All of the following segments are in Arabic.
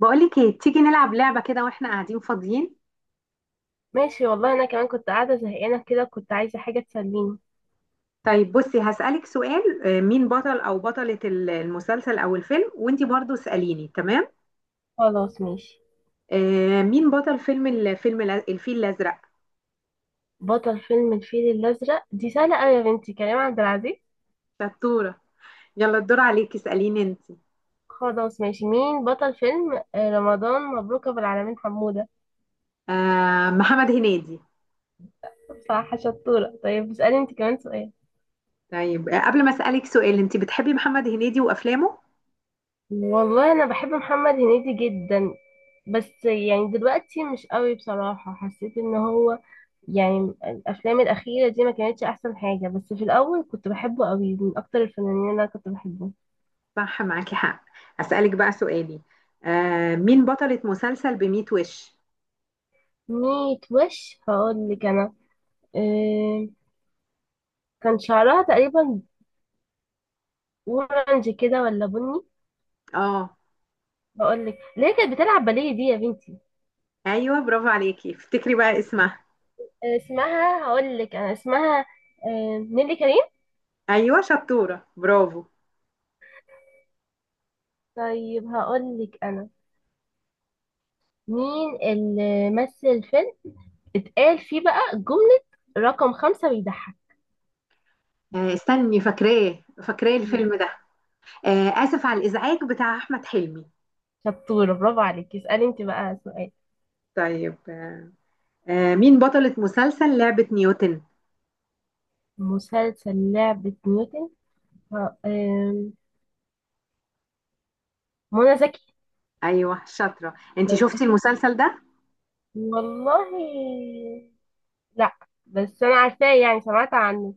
بقولك ايه؟ تيجي نلعب لعبة كده واحنا قاعدين فاضيين. ماشي والله انا كمان كنت قاعده زهقانه كده، كنت عايزه حاجه تسليني. طيب بصي، هسألك سؤال. مين بطل او بطلة المسلسل او الفيلم، وانتي برضو اسأليني، تمام؟ خلاص ماشي. مين بطل فيلم الفيل الازرق؟ بطل فيلم الفيل الازرق دي سهله قوي يا بنتي، كريم عبد العزيز. شطورة. يلا الدور عليكي، اسأليني انتي. خلاص ماشي، مين بطل فيلم رمضان مبروك ابو العالمين حموده؟ محمد هنيدي. صح، شطوره. طيب اسالي انت كمان سؤال. طيب، قبل ما اسألك سؤال، انتي بتحبي محمد هنيدي وافلامه؟ والله انا بحب محمد هنيدي جدا. بس يعني دلوقتي مش قوي بصراحه، حسيت ان هو يعني الافلام الاخيره دي ما كانتش احسن حاجه. بس في الاول كنت بحبه قوي، من اكتر الفنانين اللي انا كنت بحبه. صح، معاكي حق. اسألك بقى سؤالي. مين بطلة مسلسل بميت وش؟ ميت وش، هقول لك انا. إيه، كان شعرها تقريبا اورنج كده ولا بني؟ اه. هقول لك ليه، كانت بتلعب باليه دي يا بنتي. ايوه، برافو عليكي، افتكري بقى اسمها. إيه اسمها، هقول لك انا اسمها. إيه، نيلي كريم. ايوه شطوره، برافو. طيب هقول لك انا مين اللي مثل فيلم اتقال فيه بقى جملة رقم 5 بيضحك. استني، فاكراه مين؟ الفيلم ده. اسف على الازعاج، بتاع احمد حلمي. شطورة، برافو عليك. اسألي انت بقى سؤال. طيب، مين بطلة مسلسل لعبة نيوتن؟ مسلسل لعبة نيوتن. إيه، منى زكي. ايوه شاطره. انت شفتي المسلسل ده؟ والله لا، بس انا عارفاه، يعني سمعت عنه.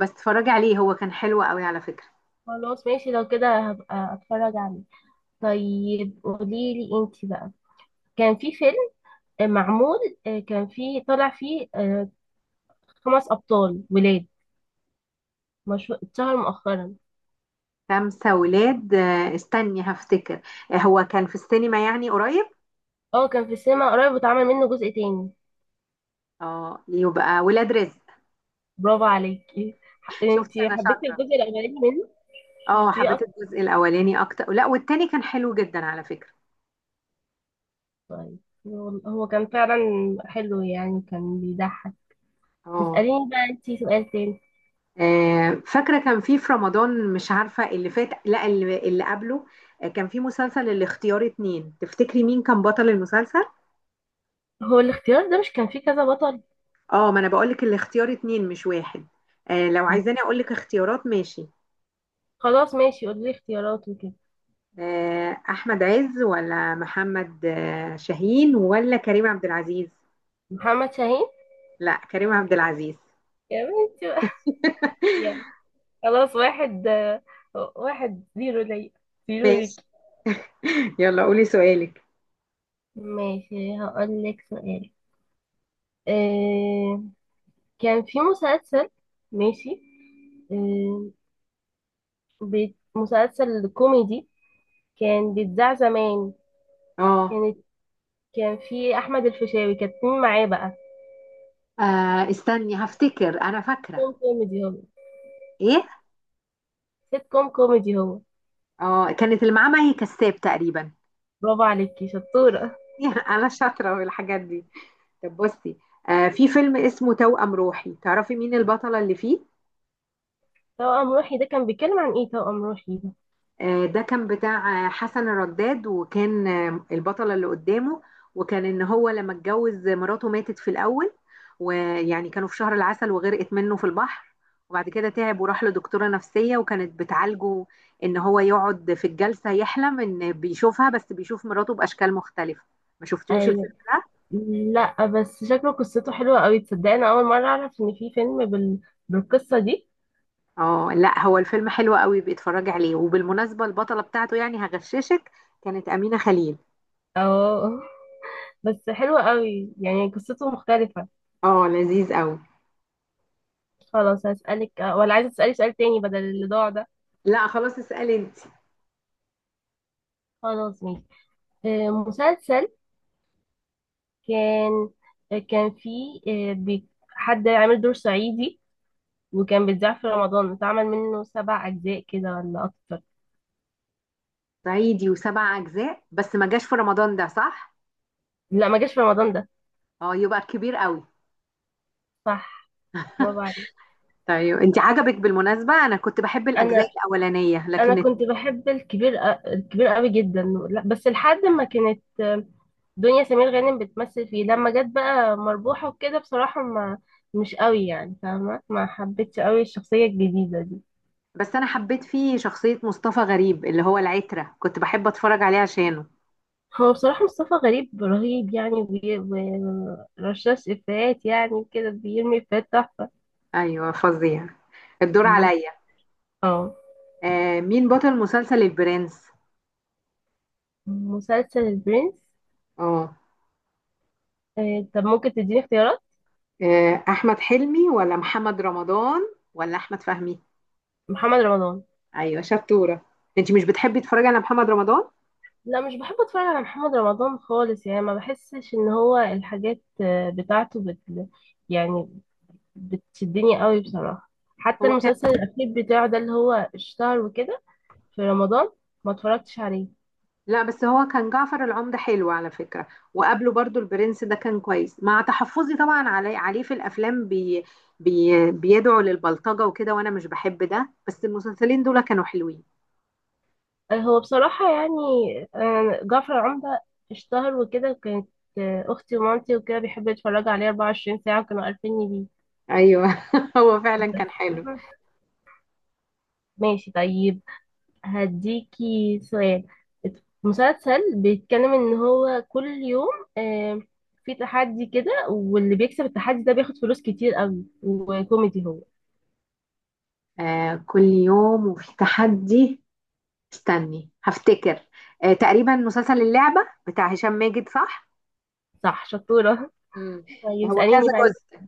بس اتفرجي عليه، هو كان حلو قوي على فكره. خلاص ماشي، لو كده هبقى اتفرج عليه. طيب قوليلي انتي بقى. كان في فيلم معمول، كان فيه طلع فيه 5 ابطال ولاد، مشهور اتشهر مؤخرا. خمسه ولاد، استني هفتكر. هو كان في السينما يعني قريب. اه كان في السينما قريب، واتعمل منه جزء تاني. اه، يبقى ولاد رزق. برافو عليكي، شفتي انتي انا حبيتي شاطره. الجزء الاولاني منه؟ اه، شفتيه حبيت اصلا؟ الجزء الاولاني اكتر، لا، والتاني كان حلو جدا على فكره. طيب. هو كان فعلا حلو، يعني كان بيضحك. اه. اسأليني بقى انتي سؤال تاني. فاكرة كان في رمضان، مش عارفة اللي فات لا اللي قبله. كان في مسلسل الاختيار اتنين، تفتكري مين كان بطل المسلسل؟ هو الاختيار ده مش كان فيه كذا بطل؟ اه، ما انا بقولك الاختيار اتنين مش واحد. لو عايزاني اقولك اختيارات ماشي. خلاص ماشي، قولي لي اختيارات وكده. احمد عز ولا محمد شاهين ولا كريم عبد العزيز؟ محمد شاهين. لا، كريم عبد العزيز. يا بنتي بقى. يعني خلاص، واحد 1-0 ليا، زيرو ماشي. ليك. يلا قولي سؤالك. ماشي هقول لك سؤال. آه كان في مسلسل، ماشي، آه مسلسل كوميدي كان بيتذاع زمان. اه. كانت، كان في احمد الفيشاوي، كانت مين معاه بقى؟ استني هفتكر، انا سيت فاكرة. كوم كوميدي هو. ايه؟ سيت كوم كوميدي هو. اه، كانت اللي معاه مي كساب تقريبا. برافو عليكي شطورة. انا شاطره في الحاجات دي. طب بصي، آه، في فيلم اسمه توأم روحي، تعرفي مين البطله اللي فيه؟ توأم روحي ده كان بيتكلم عن ايه، توأم روحي ده؟ آه، ده كان بتاع حسن الرداد، وكان آه البطله اللي قدامه، وكان ان هو لما اتجوز، مراته ماتت في الاول، ويعني كانوا في شهر العسل وغرقت منه في البحر. وبعد كده تعب وراح لدكتوره نفسيه وكانت بتعالجه، ان هو يقعد في الجلسه يحلم ان بيشوفها، بس بيشوف مراته باشكال مختلفه. ما شفتوش الفيلم؟ أيوة. لا بس شكله قصته حلوة قوي. تصدق انا اول مرة اعرف ان في فيلم بالقصة دي. اه، لا، هو الفيلم حلو قوي، بيتفرج عليه، وبالمناسبة البطلة بتاعته، يعني هغششك، كانت أمينة خليل. اه بس حلوة قوي، يعني قصته مختلفة. اه، لذيذ قوي. خلاص هسألك، ولا عايزة تسألي سؤال تاني بدل اللي ضاع ده؟ لا خلاص، اسألي انت. خلاص ماشي. مسلسل كان كان فيه حد عامل دور صعيدي، وكان بيتذاع في رمضان، اتعمل منه 7 اجزاء كده ولا اكتر. صعيدي وسبع أجزاء، بس ما جاش في رمضان ده، صح؟ لا ما جاش في رمضان ده. اه، يبقى كبير قوي. صح، برافو عليك. طيب انت عجبك؟ بالمناسبة أنا كنت بحب الأجزاء انا الأولانية، انا لكن كنت بحب الكبير، الكبير قوي جدا. لا، بس لحد ما كانت دنيا سمير غانم بتمثل فيه، لما جت بقى مربوحة وكده بصراحة ما، مش قوي يعني فاهمة، ما حبيتش قوي الشخصية الجديدة دي. بس أنا حبيت فيه شخصية مصطفى غريب اللي هو العترة، كنت بحب أتفرج عليه عشانه. هو بصراحة مصطفى غريب رهيب يعني، ورشاش إفيهات، يعني كده بيرمي إفيهات تحفة. أيوه، فظيع. الدور مم. عليا. اه. آه، مين بطل مسلسل البرنس؟ مسلسل البرنس. اه. طب ممكن تديني اختيارات؟ احمد حلمي ولا محمد رمضان ولا احمد فهمي؟ محمد رمضان. ايوه شطوره. انت مش بتحبي تتفرجي على محمد رمضان؟ لا مش بحب اتفرج على محمد رمضان خالص، يعني ما بحسش ان هو الحاجات بتاعته يعني بتشدني قوي بصراحة. حتى هو كان، المسلسل الاخير بتاعه ده اللي هو اشتهر وكده في رمضان ما اتفرجتش عليه. لا، بس هو كان جعفر العمدة حلو على فكره، وقبله برضو البرنس ده كان كويس، مع تحفظي طبعا علي عليه في الافلام، بيدعو للبلطجه وكده وانا مش بحب ده، بس المسلسلين دول كانوا حلوين. هو بصراحة يعني، جعفر العمدة اشتهر وكده، كانت اختي ومامتي وكده بيحبوا يتفرجوا عليه 24 ساعة، وكانوا عارفيني بيه. ايوه، هو فعلا كان حلو. ماشي طيب، هديكي سؤال. مسلسل بيتكلم ان هو كل يوم آه، في تحدي كده، واللي بيكسب التحدي ده بياخد فلوس كتير قوي، وكوميدي هو. آه، كل يوم وفي تحدي، استني هفتكر. آه، تقريبا مسلسل اللعبه بتاع هشام ماجد، صح؟ صح، شطورة. مم. طيب هو كذا اسأليني بقى انت. جزء؟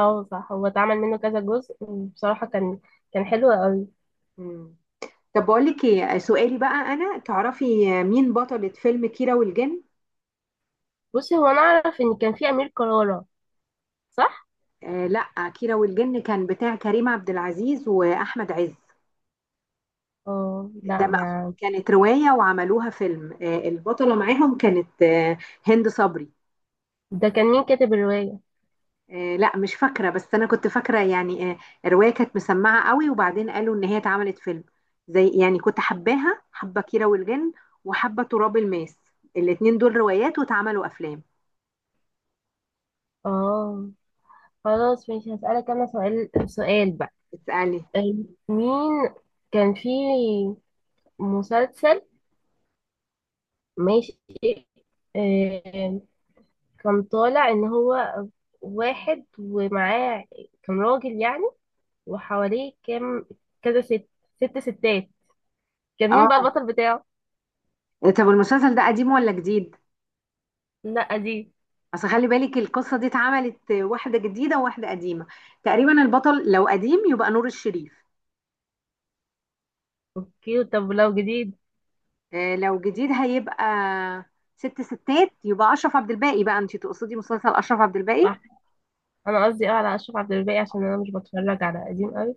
اه صح، هو اتعمل منه كذا جزء، وبصراحة كان حلو قوي. مم. طب بقول لك ايه سؤالي بقى، انا تعرفي مين بطلة فيلم كيرة والجن؟ بصي هو انا اعرف ان كان في امير كرارة، صح؟ آه، لا، كيرة والجن كان بتاع كريم عبد العزيز واحمد عز. اه لا ما، كانت رواية وعملوها فيلم، آه البطلة معاهم كانت آه هند صبري. ده كان مين كاتب الرواية؟ آه، لا، مش فاكرة، بس انا كنت فاكرة يعني آه، الرواية كانت مسمعة قوي، وبعدين قالوا ان هي اتعملت فيلم. زي يعني كنت حباها، حبة كيرة والجن وحبة تراب الماس، الاتنين دول روايات واتعملوا افلام. اه خلاص ماشي، هسألك انا سؤال سؤال بقى. اسألي. آه، مين كان في مسلسل، ماشي، آه، كان طالع ان هو واحد ومعاه، كان راجل يعني، وحواليه كام، كذا ست، ست ستات. كان مين بقى اه. البطل بتاعه؟ إيه، طب المسلسل ده قديم ولا جديد؟ لا دي، اصل خلي بالك، القصة دي اتعملت واحدة جديدة وواحدة قديمة. تقريبا البطل لو قديم يبقى نور الشريف. كيوت. طب ولو جديد؟ لو جديد هيبقى ست ستات، يبقى اشرف عبد الباقي. بقى انت تقصدي مسلسل اشرف عبد الباقي؟ صح، انا قصدي اه على اشرف عبد الباقي، عشان انا مش بتفرج على قديم قوي،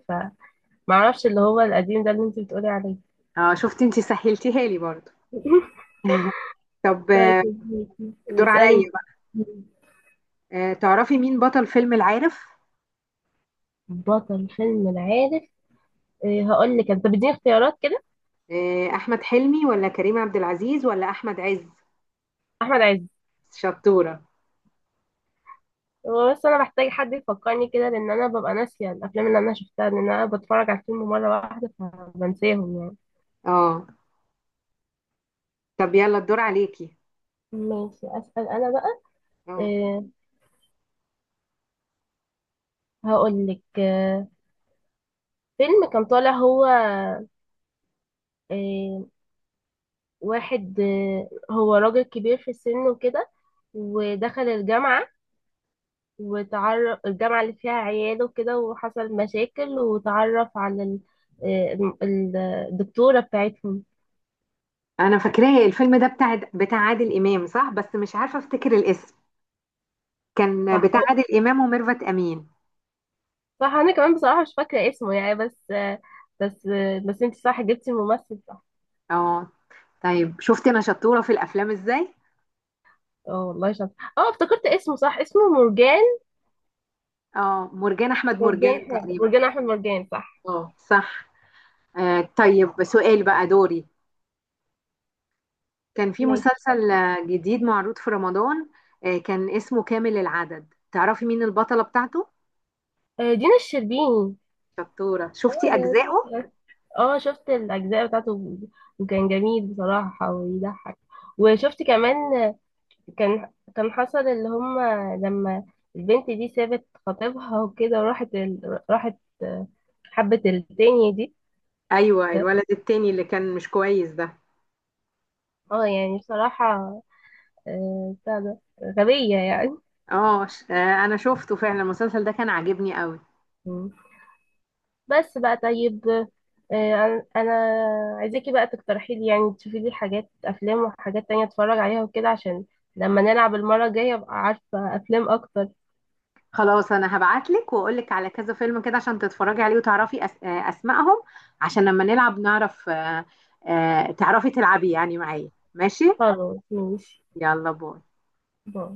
فمعرفش اللي هو القديم ده اللي انت بتقولي عليه. اه، شفتي انت سهلتيها لي برضه. طب طيب آه، الدور اسألي انت. عليا بقى. تعرفي مين بطل فيلم العارف؟ بطل فيلم العارف، هقول لك، انت بتديني اختيارات كده. احمد حلمي ولا كريم عبد العزيز ولا احمد عز؟ احمد عز. شطورة. هو بس انا محتاج حد يفكرني كده، لان انا ببقى ناسيه الافلام اللي انا شفتها، لان انا بتفرج على الفيلم مره واحده فبنساهم يعني. اه، طب يلا الدور عليكي. ماشي اسال انا بقى. اه، أه، هقول لك، أه، فيلم كان طالع هو، أه، واحد، أه، هو راجل كبير في السن وكده، ودخل الجامعه، وتعرف الجامعه اللي فيها عياله وكده، وحصل مشاكل، وتعرف على آه، الم- الدكتوره بتاعتهم. انا فاكراه الفيلم ده، بتاع عادل امام، صح، بس مش عارفه افتكر الاسم. كان بتاع صح. عادل امام وميرفت امين. صح، انا كمان بصراحه مش فاكره اسمه يعني، بس بس انت صح جبتي الممثل، صح. اه. طيب شفت انا شطوره في الافلام ازاي. اه والله شاطر، اه افتكرت اسمه، صح، اسمه مرجان. اه، مرجان احمد مرجان مرجان حاجه، تقريبا. مرجان احمد مرجان، صح. اه صح. آه طيب سؤال بقى دوري. كان في ماشي. مسلسل جديد معروض في رمضان، آه كان اسمه كامل العدد، تعرفي مين البطله بتاعته؟ دينا الشربيني. شطوره. اه شفتي اجزائه؟ اه شفت الاجزاء بتاعته، وكان جميل بصراحه ويضحك. وشفت كمان كان حصل اللي هم، لما البنت دي سابت خطيبها وكده وراحت راحت، حبت التانية دي. ايوه، الولد التاني اللي كان مش كويس ده. اه يعني بصراحة، بتاع ده غبية يعني. اه انا شفته فعلا، المسلسل ده كان عاجبني قوي. مم. بس بقى طيب، انا عايزاكي بقى تقترحي لي، يعني تشوفي لي حاجات افلام وحاجات تانية اتفرج عليها وكده، عشان لما نلعب المرة الجاية ابقى عارفة افلام اكتر. خلاص، انا هبعتلك واقولك على كذا فيلم كده، عشان تتفرجي عليه وتعرفي أس... آه، اسمائهم، عشان لما نلعب نعرف تعرفي تلعبي يعني معايا، ماشي؟ خلاص ماشي، يلا باي. باي.